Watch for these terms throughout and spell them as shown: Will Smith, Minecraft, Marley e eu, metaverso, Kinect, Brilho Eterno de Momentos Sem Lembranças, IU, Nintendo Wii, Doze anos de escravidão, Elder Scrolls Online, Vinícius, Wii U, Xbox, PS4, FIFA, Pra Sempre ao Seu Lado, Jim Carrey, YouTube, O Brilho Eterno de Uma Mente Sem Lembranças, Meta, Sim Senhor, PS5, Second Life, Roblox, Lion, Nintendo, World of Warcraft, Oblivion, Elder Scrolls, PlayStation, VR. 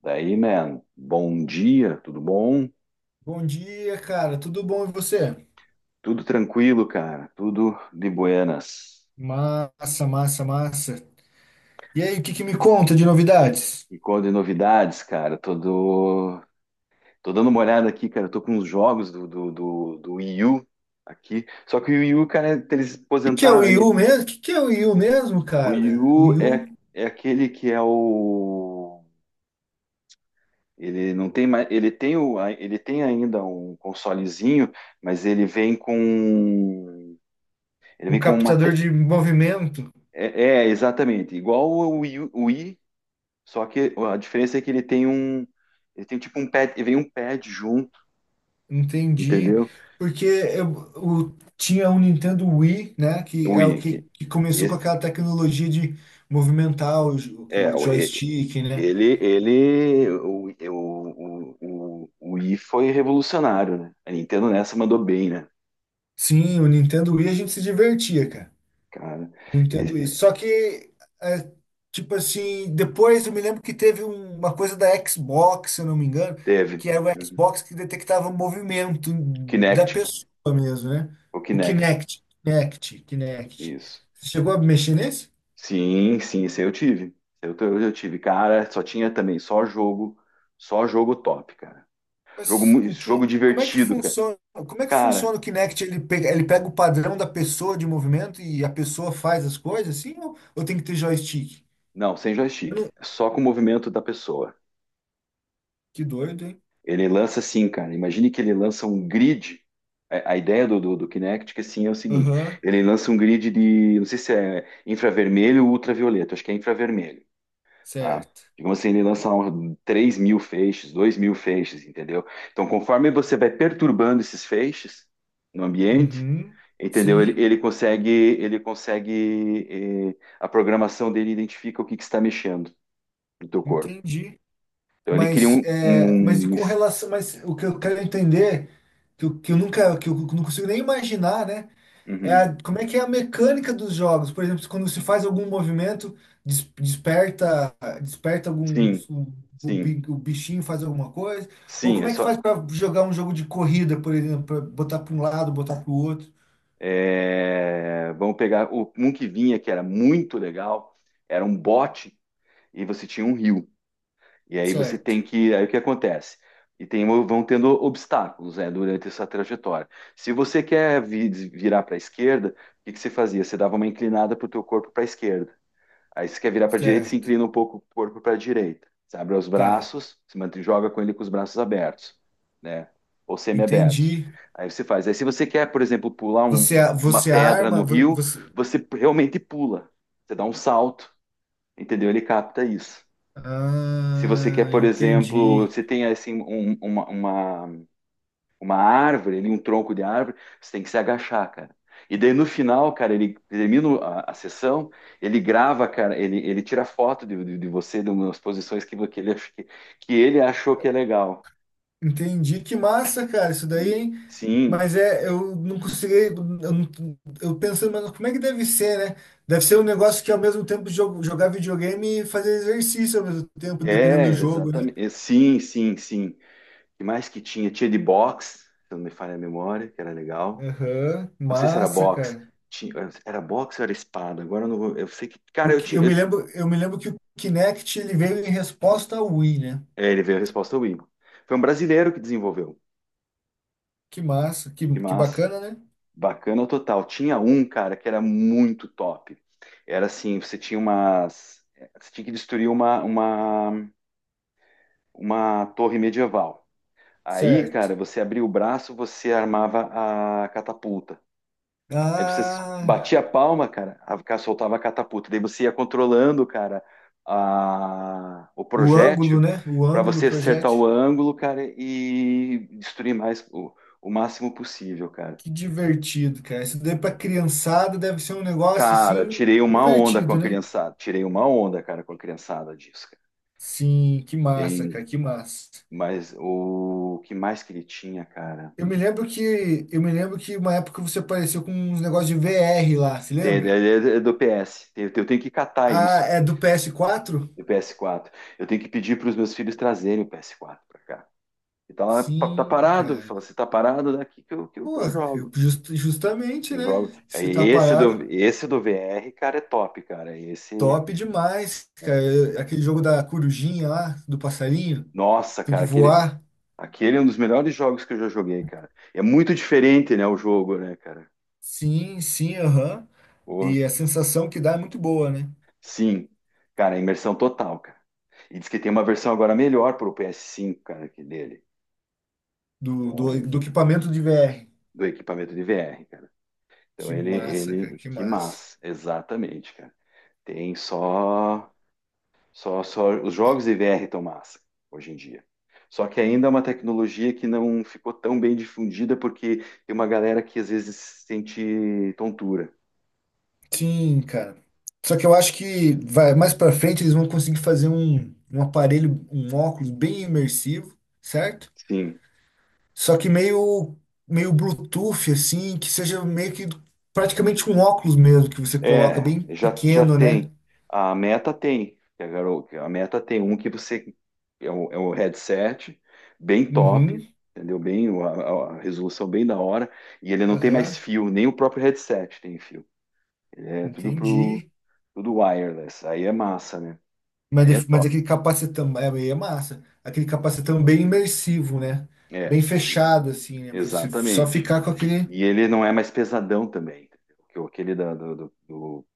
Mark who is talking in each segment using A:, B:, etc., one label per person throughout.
A: Daí, man, bom dia, tudo bom?
B: Bom dia, cara. Tudo bom e você?
A: Tudo tranquilo, cara, tudo de buenas.
B: Massa, massa, massa. E aí, o que que me conta de novidades?
A: E qual de novidades, cara? Tô dando uma olhada aqui, cara, tô com uns jogos do Wii U aqui. Só que o Wii U, cara, eles
B: O que que é o
A: aposentaram.
B: IU mesmo? O que que é o IU mesmo,
A: O Wii
B: cara? O
A: U é,
B: IU?
A: é aquele que é o. Ele não tem mais. Ele tem ainda um consolezinho, mas ele vem com. Ele
B: Um
A: vem com uma.
B: captador de movimento?
A: É, exatamente. Igual o Wii. Só que a diferença é que ele tem um. Ele tem tipo um pad. Vem um pad junto,
B: Entendi.
A: entendeu?
B: Porque eu, tinha um Nintendo Wii, né? Que
A: O
B: é o que,
A: Yankee.
B: que começou com
A: E-
B: aquela tecnologia de movimentar o,
A: É,
B: o
A: o- e-
B: joystick, né?
A: ele, o Wii foi revolucionário, né? A Nintendo nessa mandou bem, né?
B: Sim, o Nintendo Wii a gente se divertia, cara.
A: Cara,
B: Eu
A: E-
B: entendo isso.
A: é,
B: Só que, é, tipo assim, depois eu me lembro que teve uma coisa da Xbox, se eu não me engano,
A: teve.
B: que era o
A: Uhum.
B: Xbox que detectava o movimento da
A: Kinect,
B: pessoa mesmo, né?
A: o
B: O
A: Kinect,
B: Kinect, Kinect, Kinect.
A: isso.
B: Você chegou a mexer nesse?
A: Sim, sim, esse aí eu tive. Esse aí eu tive, cara, só tinha também só jogo top, cara. Jogo,
B: Mas
A: mu-
B: o que,
A: jogo
B: como é que
A: divertido, cara.
B: funciona? Como é que
A: Cara,
B: funciona o Kinect? Ele pega o padrão da pessoa de movimento e a pessoa faz as coisas assim? Ou tem que ter joystick?
A: não, sem
B: Eu
A: joystick.
B: não-
A: Só com o movimento da pessoa.
B: Que doido, hein?
A: Ele lança assim, cara. Imagine que ele lança um grid. A ideia do Kinect, que assim, é o seguinte:
B: Aham,
A: ele lança um grid de, não sei se é infravermelho ou ultravioleta, acho que é infravermelho, tá?
B: certo.
A: Digamos assim, ele lança 3.000 feixes, 2.000 feixes, entendeu? Então, conforme você vai perturbando esses feixes no ambiente,
B: Uhum,
A: entendeu? Ele,
B: sim,
A: ele consegue, ele consegue, eh, a programação dele identifica o que que está mexendo no teu corpo.
B: entendi.
A: Então ele cria
B: Mas,
A: um,
B: é, mas e
A: um
B: com
A: es-
B: relação, mas o que eu quero entender, que eu nunca, que eu não consigo nem imaginar, né? É
A: Uhum.
B: como é que é a mecânica dos jogos? Por exemplo, quando se faz algum movimento, desperta, desperta algum,
A: Sim,
B: o,
A: sim,
B: o bichinho faz alguma coisa? Ou
A: sim, é
B: como é que
A: só.
B: faz para jogar um jogo de corrida, por exemplo, para botar para um lado, botar para o outro?
A: Vamos pegar um que vinha que era muito legal, era um bote e você tinha um rio. E aí você
B: Certo,
A: tem que. Aí o que acontece? Vão tendo obstáculos, né, durante essa trajetória. Se você quer virar para a esquerda, o que que você fazia? Você dava uma inclinada para o teu corpo para a esquerda. Aí você quer virar para a direita, se
B: certo,
A: inclina um pouco o corpo para a direita. Você abre os
B: tá,
A: braços, se mantém, joga com ele com os braços abertos, né? Ou semi abertos.
B: entendi.
A: Aí você faz. Aí se você quer, por exemplo, pular um-
B: Você,
A: um- uma
B: você
A: pedra
B: arma,
A: no rio,
B: você.
A: você realmente pula. Você dá um salto, entendeu? Ele capta isso. Se você quer,
B: Ah,
A: por exemplo,
B: entendi.
A: você tem assim uma árvore ali, um tronco de árvore, você tem que se agachar, cara. E daí no final, cara, ele termina a sessão, ele grava, cara, ele tira foto de você, de umas posições que ele achou que é legal.
B: Entendi. Que massa, cara, isso daí, hein?
A: Sim,
B: Mas é, eu não consegui. Eu, não, eu pensando, mas como é que deve ser, né? Deve ser um negócio que ao mesmo tempo jogar videogame e fazer exercício ao mesmo tempo, dependendo
A: é,
B: do jogo, né?
A: exatamente. Sim, sim, sim. O que mais que tinha? Tinha de boxe, se não me falha a memória, que era legal.
B: Aham,
A: Não sei se era, aham,
B: massa,
A: boxe.
B: cara.
A: Tinha, Era boxe ou era espada? Agora eu não vou. Eu sei que. Cara,
B: O
A: eu
B: que,
A: tinha.
B: eu me lembro que o Kinect ele veio em resposta ao Wii, né?
A: Ele veio a resposta Wii. Foi um brasileiro que desenvolveu.
B: Que massa,
A: Que
B: que
A: massa.
B: bacana, né?
A: Bacana total. Tinha um, cara, que era muito top. Era assim, você tinha umas. Você tinha que destruir uma torre medieval. Aí,
B: Certo.
A: cara, você abria o braço, você armava a catapulta. Aí você s-
B: Ah,
A: batia a palma, cara, a cara soltava a catapulta. Daí você ia controlando, cara, o
B: o ângulo,
A: projétil
B: né? O
A: para
B: ângulo do
A: você acertar o
B: projeto.
A: ângulo, cara, e destruir mais o máximo possível, cara.
B: Que divertido, cara. Isso daí pra criançada deve ser um negócio
A: Cara,
B: assim
A: tirei uma onda com
B: divertido,
A: a
B: né?
A: criançada. Tirei uma onda, cara, com a criançada disso, cara.
B: Sim, que massa,
A: Tem,
B: cara, que massa.
A: mas o que mais que ele tinha, cara?
B: Eu me lembro que eu me lembro que uma época você apareceu com uns negócios de VR lá, se
A: Tem, é,
B: lembra?
A: é- é do PS. Eu tenho que catar
B: Ah,
A: isso
B: é do PS4?
A: do PS4. Eu tenho que pedir para os meus filhos trazerem o PS4 para cá. E tá lá, tá
B: Sim,
A: parado.
B: cara.
A: Fala, se tá parado, daqui que eu, que eu, que
B: Pô,
A: eu
B: eu-
A: jogo.
B: justamente,
A: Eu
B: né?
A: jogo. Aí,
B: Se tá
A: Esse do,
B: parado,
A: esse do VR, cara, é top, cara.
B: top demais, cara. Eu, aquele jogo da corujinha lá, do passarinho,
A: Nossa,
B: tem que
A: cara, aquele,
B: voar.
A: aquele é um dos melhores jogos que eu já joguei, cara. É muito diferente, né, o jogo, né, cara?
B: Sim, sim, aham.
A: Porra.
B: E a sensação que dá é muito boa, né?
A: Sim, cara, imersão total, cara. E diz que tem uma versão agora melhor para o PS5, cara, que dele,
B: Do, do,
A: com-
B: do equipamento de VR.
A: do equipamento de VR, cara. Então
B: Que
A: ele,
B: massa, cara,
A: ele,
B: que
A: que
B: massa.
A: massa, exatamente, cara. Tem só os jogos de VR estão massa hoje em dia. Só que ainda é uma tecnologia que não ficou tão bem difundida porque tem uma galera que às vezes sente tontura.
B: Sim, cara. Só que eu acho que vai mais pra frente eles vão conseguir fazer um, um aparelho, um óculos bem imersivo, certo?
A: Sim,
B: Só que meio meio Bluetooth assim, que seja meio que praticamente um óculos mesmo que você coloca
A: é,
B: bem
A: já
B: pequeno, né?
A: tem. A Meta tem. Que A garo- que a Meta tem um que você. É um headset bem top,
B: Uhum,
A: entendeu? Bem, a resolução bem da hora. E ele não tem mais
B: aham,
A: fio, nem o próprio headset tem fio. É tudo pro,
B: entendi.
A: tudo wireless. Aí é massa, né?
B: Mas,
A: Aí é
B: mas aquele
A: top.
B: capacetão é, é massa. Aquele capacetão bem imersivo, né?
A: É,
B: Bem fechado, assim, né? Pra você só
A: exatamente.
B: ficar com aquele.
A: E ele não é mais pesadão também, entendeu? Aquele da, do, do- do-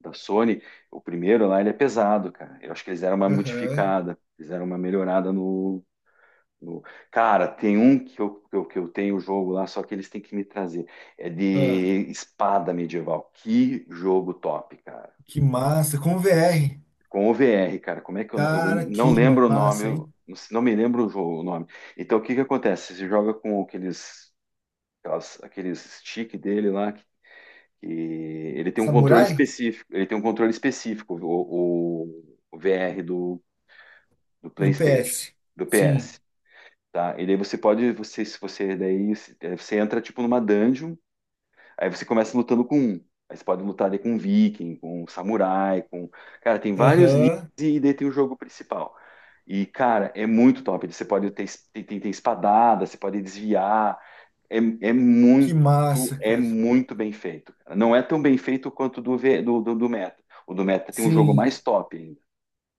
A: da Sony, o primeiro lá, ele é pesado, cara. Eu acho que eles deram uma
B: Aham.
A: modificada, fizeram uma melhorada no. O- Cara, tem um que eu tenho o jogo lá, só que eles têm que me trazer. É
B: Ah,
A: de espada medieval. Que jogo top, cara.
B: que massa. Com VR.
A: Com o VR, cara. Como é que eu,
B: Cara,
A: não
B: que
A: lembro o nome,
B: massa,
A: eu
B: hein?
A: não me lembro o jogo, o nome. Então, o que que acontece? Você joga com aqueles stick dele lá, que ele tem um controle
B: Samurai?
A: específico. Ele tem um controle específico, o VR do
B: Do
A: PlayStation,
B: PS.
A: do
B: Sim.
A: PS. Tá, e daí você pode, você, se você, daí se- eh, você entra tipo numa dungeon, aí você começa lutando com um. Aí você pode lutar daí com um viking, com um samurai, com. Cara, tem vários níveis
B: Aham.
A: e daí tem o jogo principal. E, cara, é muito top. Você pode ter, es- tem, tem, tem espadada, você pode desviar. É, é
B: Que
A: muito,
B: massa,
A: é
B: cara.
A: muito bem feito, cara. Não é tão bem feito quanto do Meta. O do Meta tem um jogo
B: Sim.
A: mais top ainda.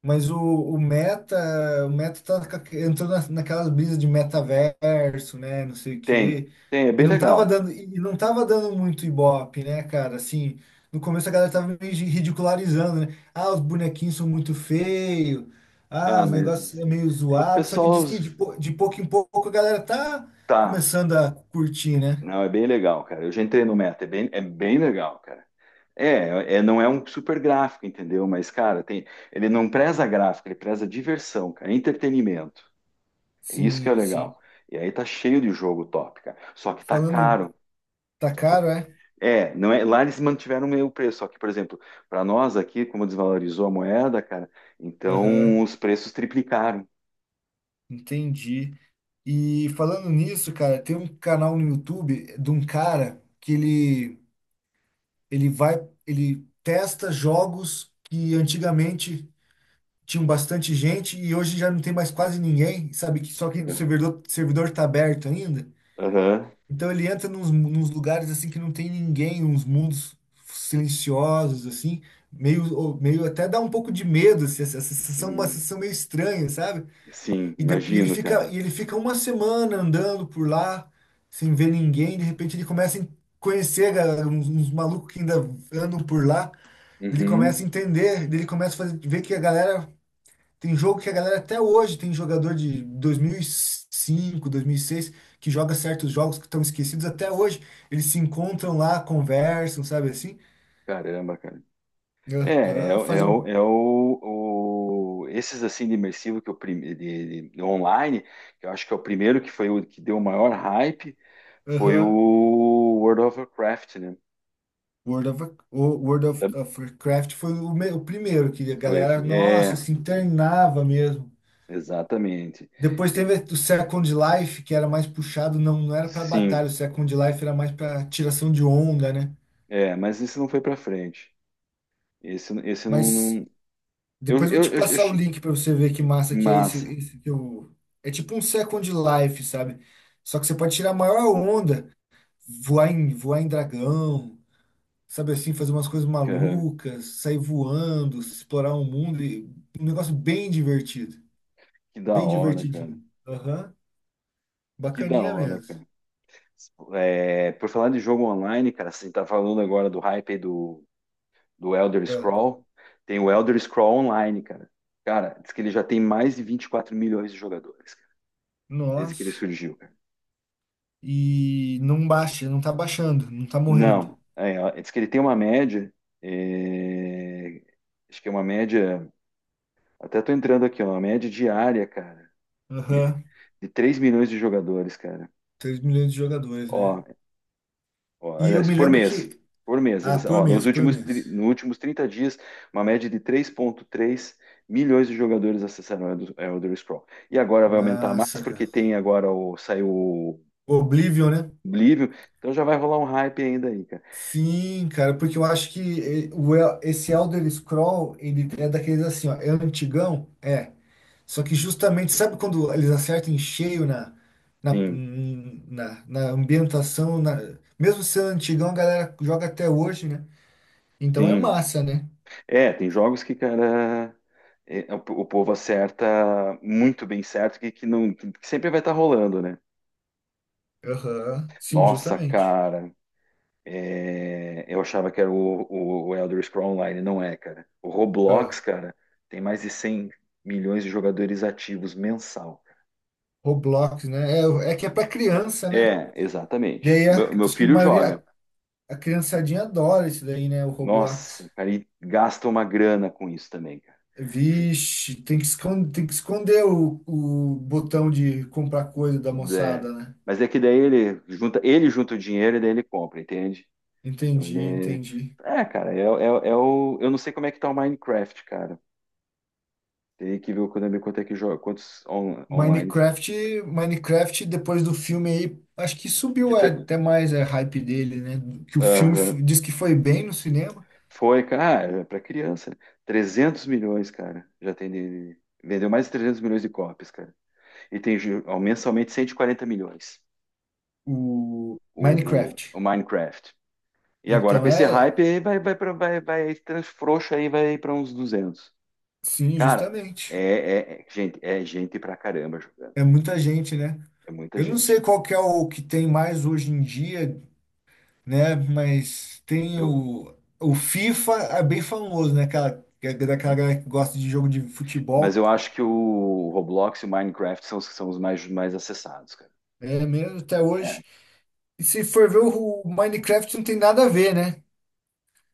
B: Mas o Meta tá, entrou na, naquelas brisas de metaverso, né, não sei o
A: Tem,
B: quê.
A: tem, é
B: E
A: bem
B: não tava
A: legal.
B: dando, e não tava dando muito ibope, né, cara? Assim, no começo a galera tava meio ridicularizando, né? Ah, os bonequinhos são muito feios. Ah,
A: Ah,
B: os negócios
A: mas
B: é meio
A: o
B: zoado. Só que
A: pessoal
B: diz que de, de pouco em pouco a galera tá
A: tá.
B: começando a curtir, né?
A: Não, é bem legal, cara. Eu já entrei no Meta, é bem legal, cara. É, não é um super gráfico, entendeu? Mas, cara, ele não preza gráfico, ele preza diversão, cara, entretenimento. É isso que é
B: Sim, sim.
A: legal. E aí tá cheio de jogo top, cara. Só que tá
B: Falando,
A: caro.
B: tá
A: Só que
B: caro, é?
A: não é, lá eles mantiveram meio preço, só que, por exemplo, para nós aqui, como desvalorizou a moeda, cara, então
B: Aham.
A: os preços triplicaram.
B: Entendi. E falando nisso, cara, tem um canal no YouTube de um cara que ele vai, ele testa jogos que antigamente tinham bastante gente e hoje já não tem mais quase ninguém, sabe? Que só que o servidor, servidor tá aberto ainda.
A: Aham.
B: Então ele entra nos, nos lugares assim que não tem ninguém, uns mundos silenciosos assim, meio, meio até dá um pouco de medo, assim, essa sensação, uma sensação meio estranha, sabe?
A: Sim,
B: E,
A: imagino, cara.
B: e ele fica uma semana andando por lá, sem ver ninguém. De repente ele começa a conhecer uns, uns malucos que ainda andam por lá. Ele começa
A: Uhum.
B: a entender, ele começa a ver que a galera. Tem jogo que a galera até hoje tem jogador de 2005, 2006, que joga certos jogos que estão esquecidos até hoje. Eles se encontram lá, conversam, sabe assim?
A: Caramba, cara. É, é,
B: Aham,
A: o, é
B: fazem
A: o,
B: um.
A: é o- esses assim de imersivo que eu prim- de online, que eu acho que é o primeiro que foi o que deu o maior hype, foi o
B: Aham.
A: World of Warcraft, né?
B: World of, o World of,
A: Da-
B: of Warcraft foi o, o primeiro que a
A: Foi,
B: galera, nossa,
A: é,
B: se internava mesmo.
A: exatamente.
B: Depois
A: E-
B: teve o Second Life, que era mais puxado, não, não era para
A: Sim,
B: batalha, o Second Life era mais para tiração de onda, né?
A: é, mas esse não foi pra frente. Esse não,
B: Mas
A: não. eu,
B: depois eu vou
A: eu,
B: te
A: eu, eu
B: passar o
A: achei
B: link para você ver que massa que é esse,
A: massa,
B: esse que eu... É tipo um Second Life, sabe? Só que você pode tirar a maior onda, voar em dragão, sabe assim, fazer umas coisas
A: cara.
B: malucas, sair voando, explorar o mundo, e um negócio bem divertido,
A: Que da
B: bem
A: hora, cara.
B: divertidinho. Aham,
A: Que da
B: bacaninha
A: hora,
B: mesmo.
A: cara. É, por falar de jogo online, cara, você tá falando agora do hype aí do do Elder
B: Ah,
A: Scroll. Tem o Elder Scroll Online, cara. Cara, diz que ele já tem mais de 24 milhões de jogadores, cara, desde que ele
B: nossa,
A: surgiu, cara.
B: e não baixa, não tá baixando, não tá morrendo.
A: Não, ó, diz que ele tem uma média, é, acho que é uma média, até tô entrando aqui, ó, uma média diária, cara,
B: Aham,
A: de 3 milhões de jogadores, cara.
B: 3 milhões de jogadores, né?
A: Ó, ó,
B: E eu
A: aliás,
B: me
A: por
B: lembro
A: mês.
B: que,
A: Por mês.
B: ah,
A: Eles,
B: por
A: ó, nos
B: mês, por
A: últimos, tri-
B: mês.
A: nos últimos 30 dias, uma média de 3,3 milhões de jogadores acessaram o Elder Scrolls. E agora vai aumentar mais,
B: Massa, cara.
A: porque saiu o
B: Oblivion, né?
A: Oblivion. Então já vai rolar um hype ainda aí, cara.
B: Sim, cara, porque eu acho que eh, esse Elder Scroll, ele é daqueles assim, ó, é antigão? É. Só que justamente, sabe quando eles acertam em cheio na, na,
A: Sim,
B: na, na ambientação, na, mesmo sendo antigão, a galera joga até hoje, né? Então é
A: sim.
B: massa, né?
A: É, tem jogos que, cara. O povo acerta muito bem certo, que, não, que sempre vai estar rolando, né?
B: Aham, sim,
A: Nossa,
B: justamente.
A: cara. É, eu achava que era o Elder Scrolls Online, não é, cara. O
B: Ah,
A: Roblox, cara, tem mais de 100 milhões de jogadores ativos mensal.
B: Roblox, né? É, é que é pra criança, né?
A: É, exatamente.
B: Daí
A: O meu, o meu
B: acho que a
A: filho joga.
B: maioria, a criançadinha adora isso daí, né? O
A: Nossa,
B: Roblox.
A: cara, e gasta uma grana com isso também, cara. Ju-
B: Vixe, tem que esconder o botão de comprar coisa da
A: é,
B: moçada, né?
A: mas é que daí ele junta o dinheiro e daí ele compra, entende? Então
B: Entendi,
A: ele
B: entendi.
A: é, é, cara, eu não sei como é que tá o Minecraft, cara. Teria que ver o Konami quanto é que joga, quantos online.
B: Minecraft, Minecraft, depois do filme aí, acho que
A: Que
B: subiu
A: tam-
B: até mais a hype dele, né? Que o filme
A: Aham.
B: diz que foi bem no cinema,
A: Foi, cara, para criança. 300 milhões, cara. Já tem vendeu mais de 300 milhões de cópias, cara. E ó, mensalmente 140 milhões
B: o
A: o, o,
B: Minecraft.
A: o Minecraft. E agora
B: Então
A: com esse
B: é,
A: hype aí vai frouxo aí vai para uns 200.
B: sim,
A: Cara, é,
B: justamente.
A: é- é- gente, é gente pra caramba jogando.
B: É muita gente, né?
A: É muita
B: Eu não sei
A: gente.
B: qual que é o que tem mais hoje em dia, né? Mas tem
A: Eu
B: o FIFA, é bem famoso, né? Aquela, que é daquela galera que gosta de jogo de
A: mas
B: futebol,
A: eu acho que o Roblox e o Minecraft são os mais acessados, cara.
B: é mesmo até
A: É.
B: hoje. E se for ver o Minecraft, não tem nada a ver, né?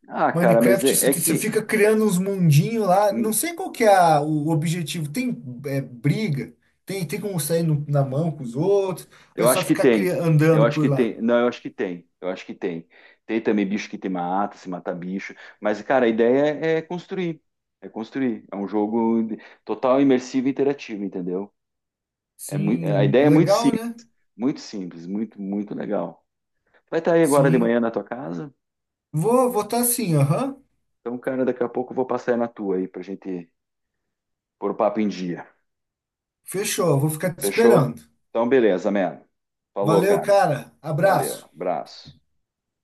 A: Ah, cara, mas é,
B: Minecraft, você
A: é
B: você
A: que
B: fica criando uns mundinhos lá. Não
A: hum,
B: sei qual que é o objetivo. Tem é, briga? Tem, tem como sair na mão com os outros? Ou
A: Eu
B: é só
A: acho que
B: ficar
A: tem. Eu
B: andando
A: acho
B: por
A: que
B: lá?
A: tem. Não, eu acho que tem. Eu acho que tem. Tem também bicho que te mata, se mata bicho. Mas, cara, a ideia é construir. É construir. É um jogo total imersivo e interativo, entendeu? A
B: Sim,
A: ideia é muito
B: legal,
A: simples,
B: né?
A: muito simples, muito, muito legal. Vai estar aí agora de
B: Sim.
A: manhã na tua casa?
B: Vou votar sim, aham.
A: Então, cara, daqui a pouco eu vou passar aí na tua aí pra gente pôr o papo em dia.
B: Fechou, vou ficar te
A: Fechou?
B: esperando.
A: Então, beleza, man. Falou,
B: Valeu,
A: cara.
B: cara.
A: Valeu.
B: Abraço.
A: Abraço.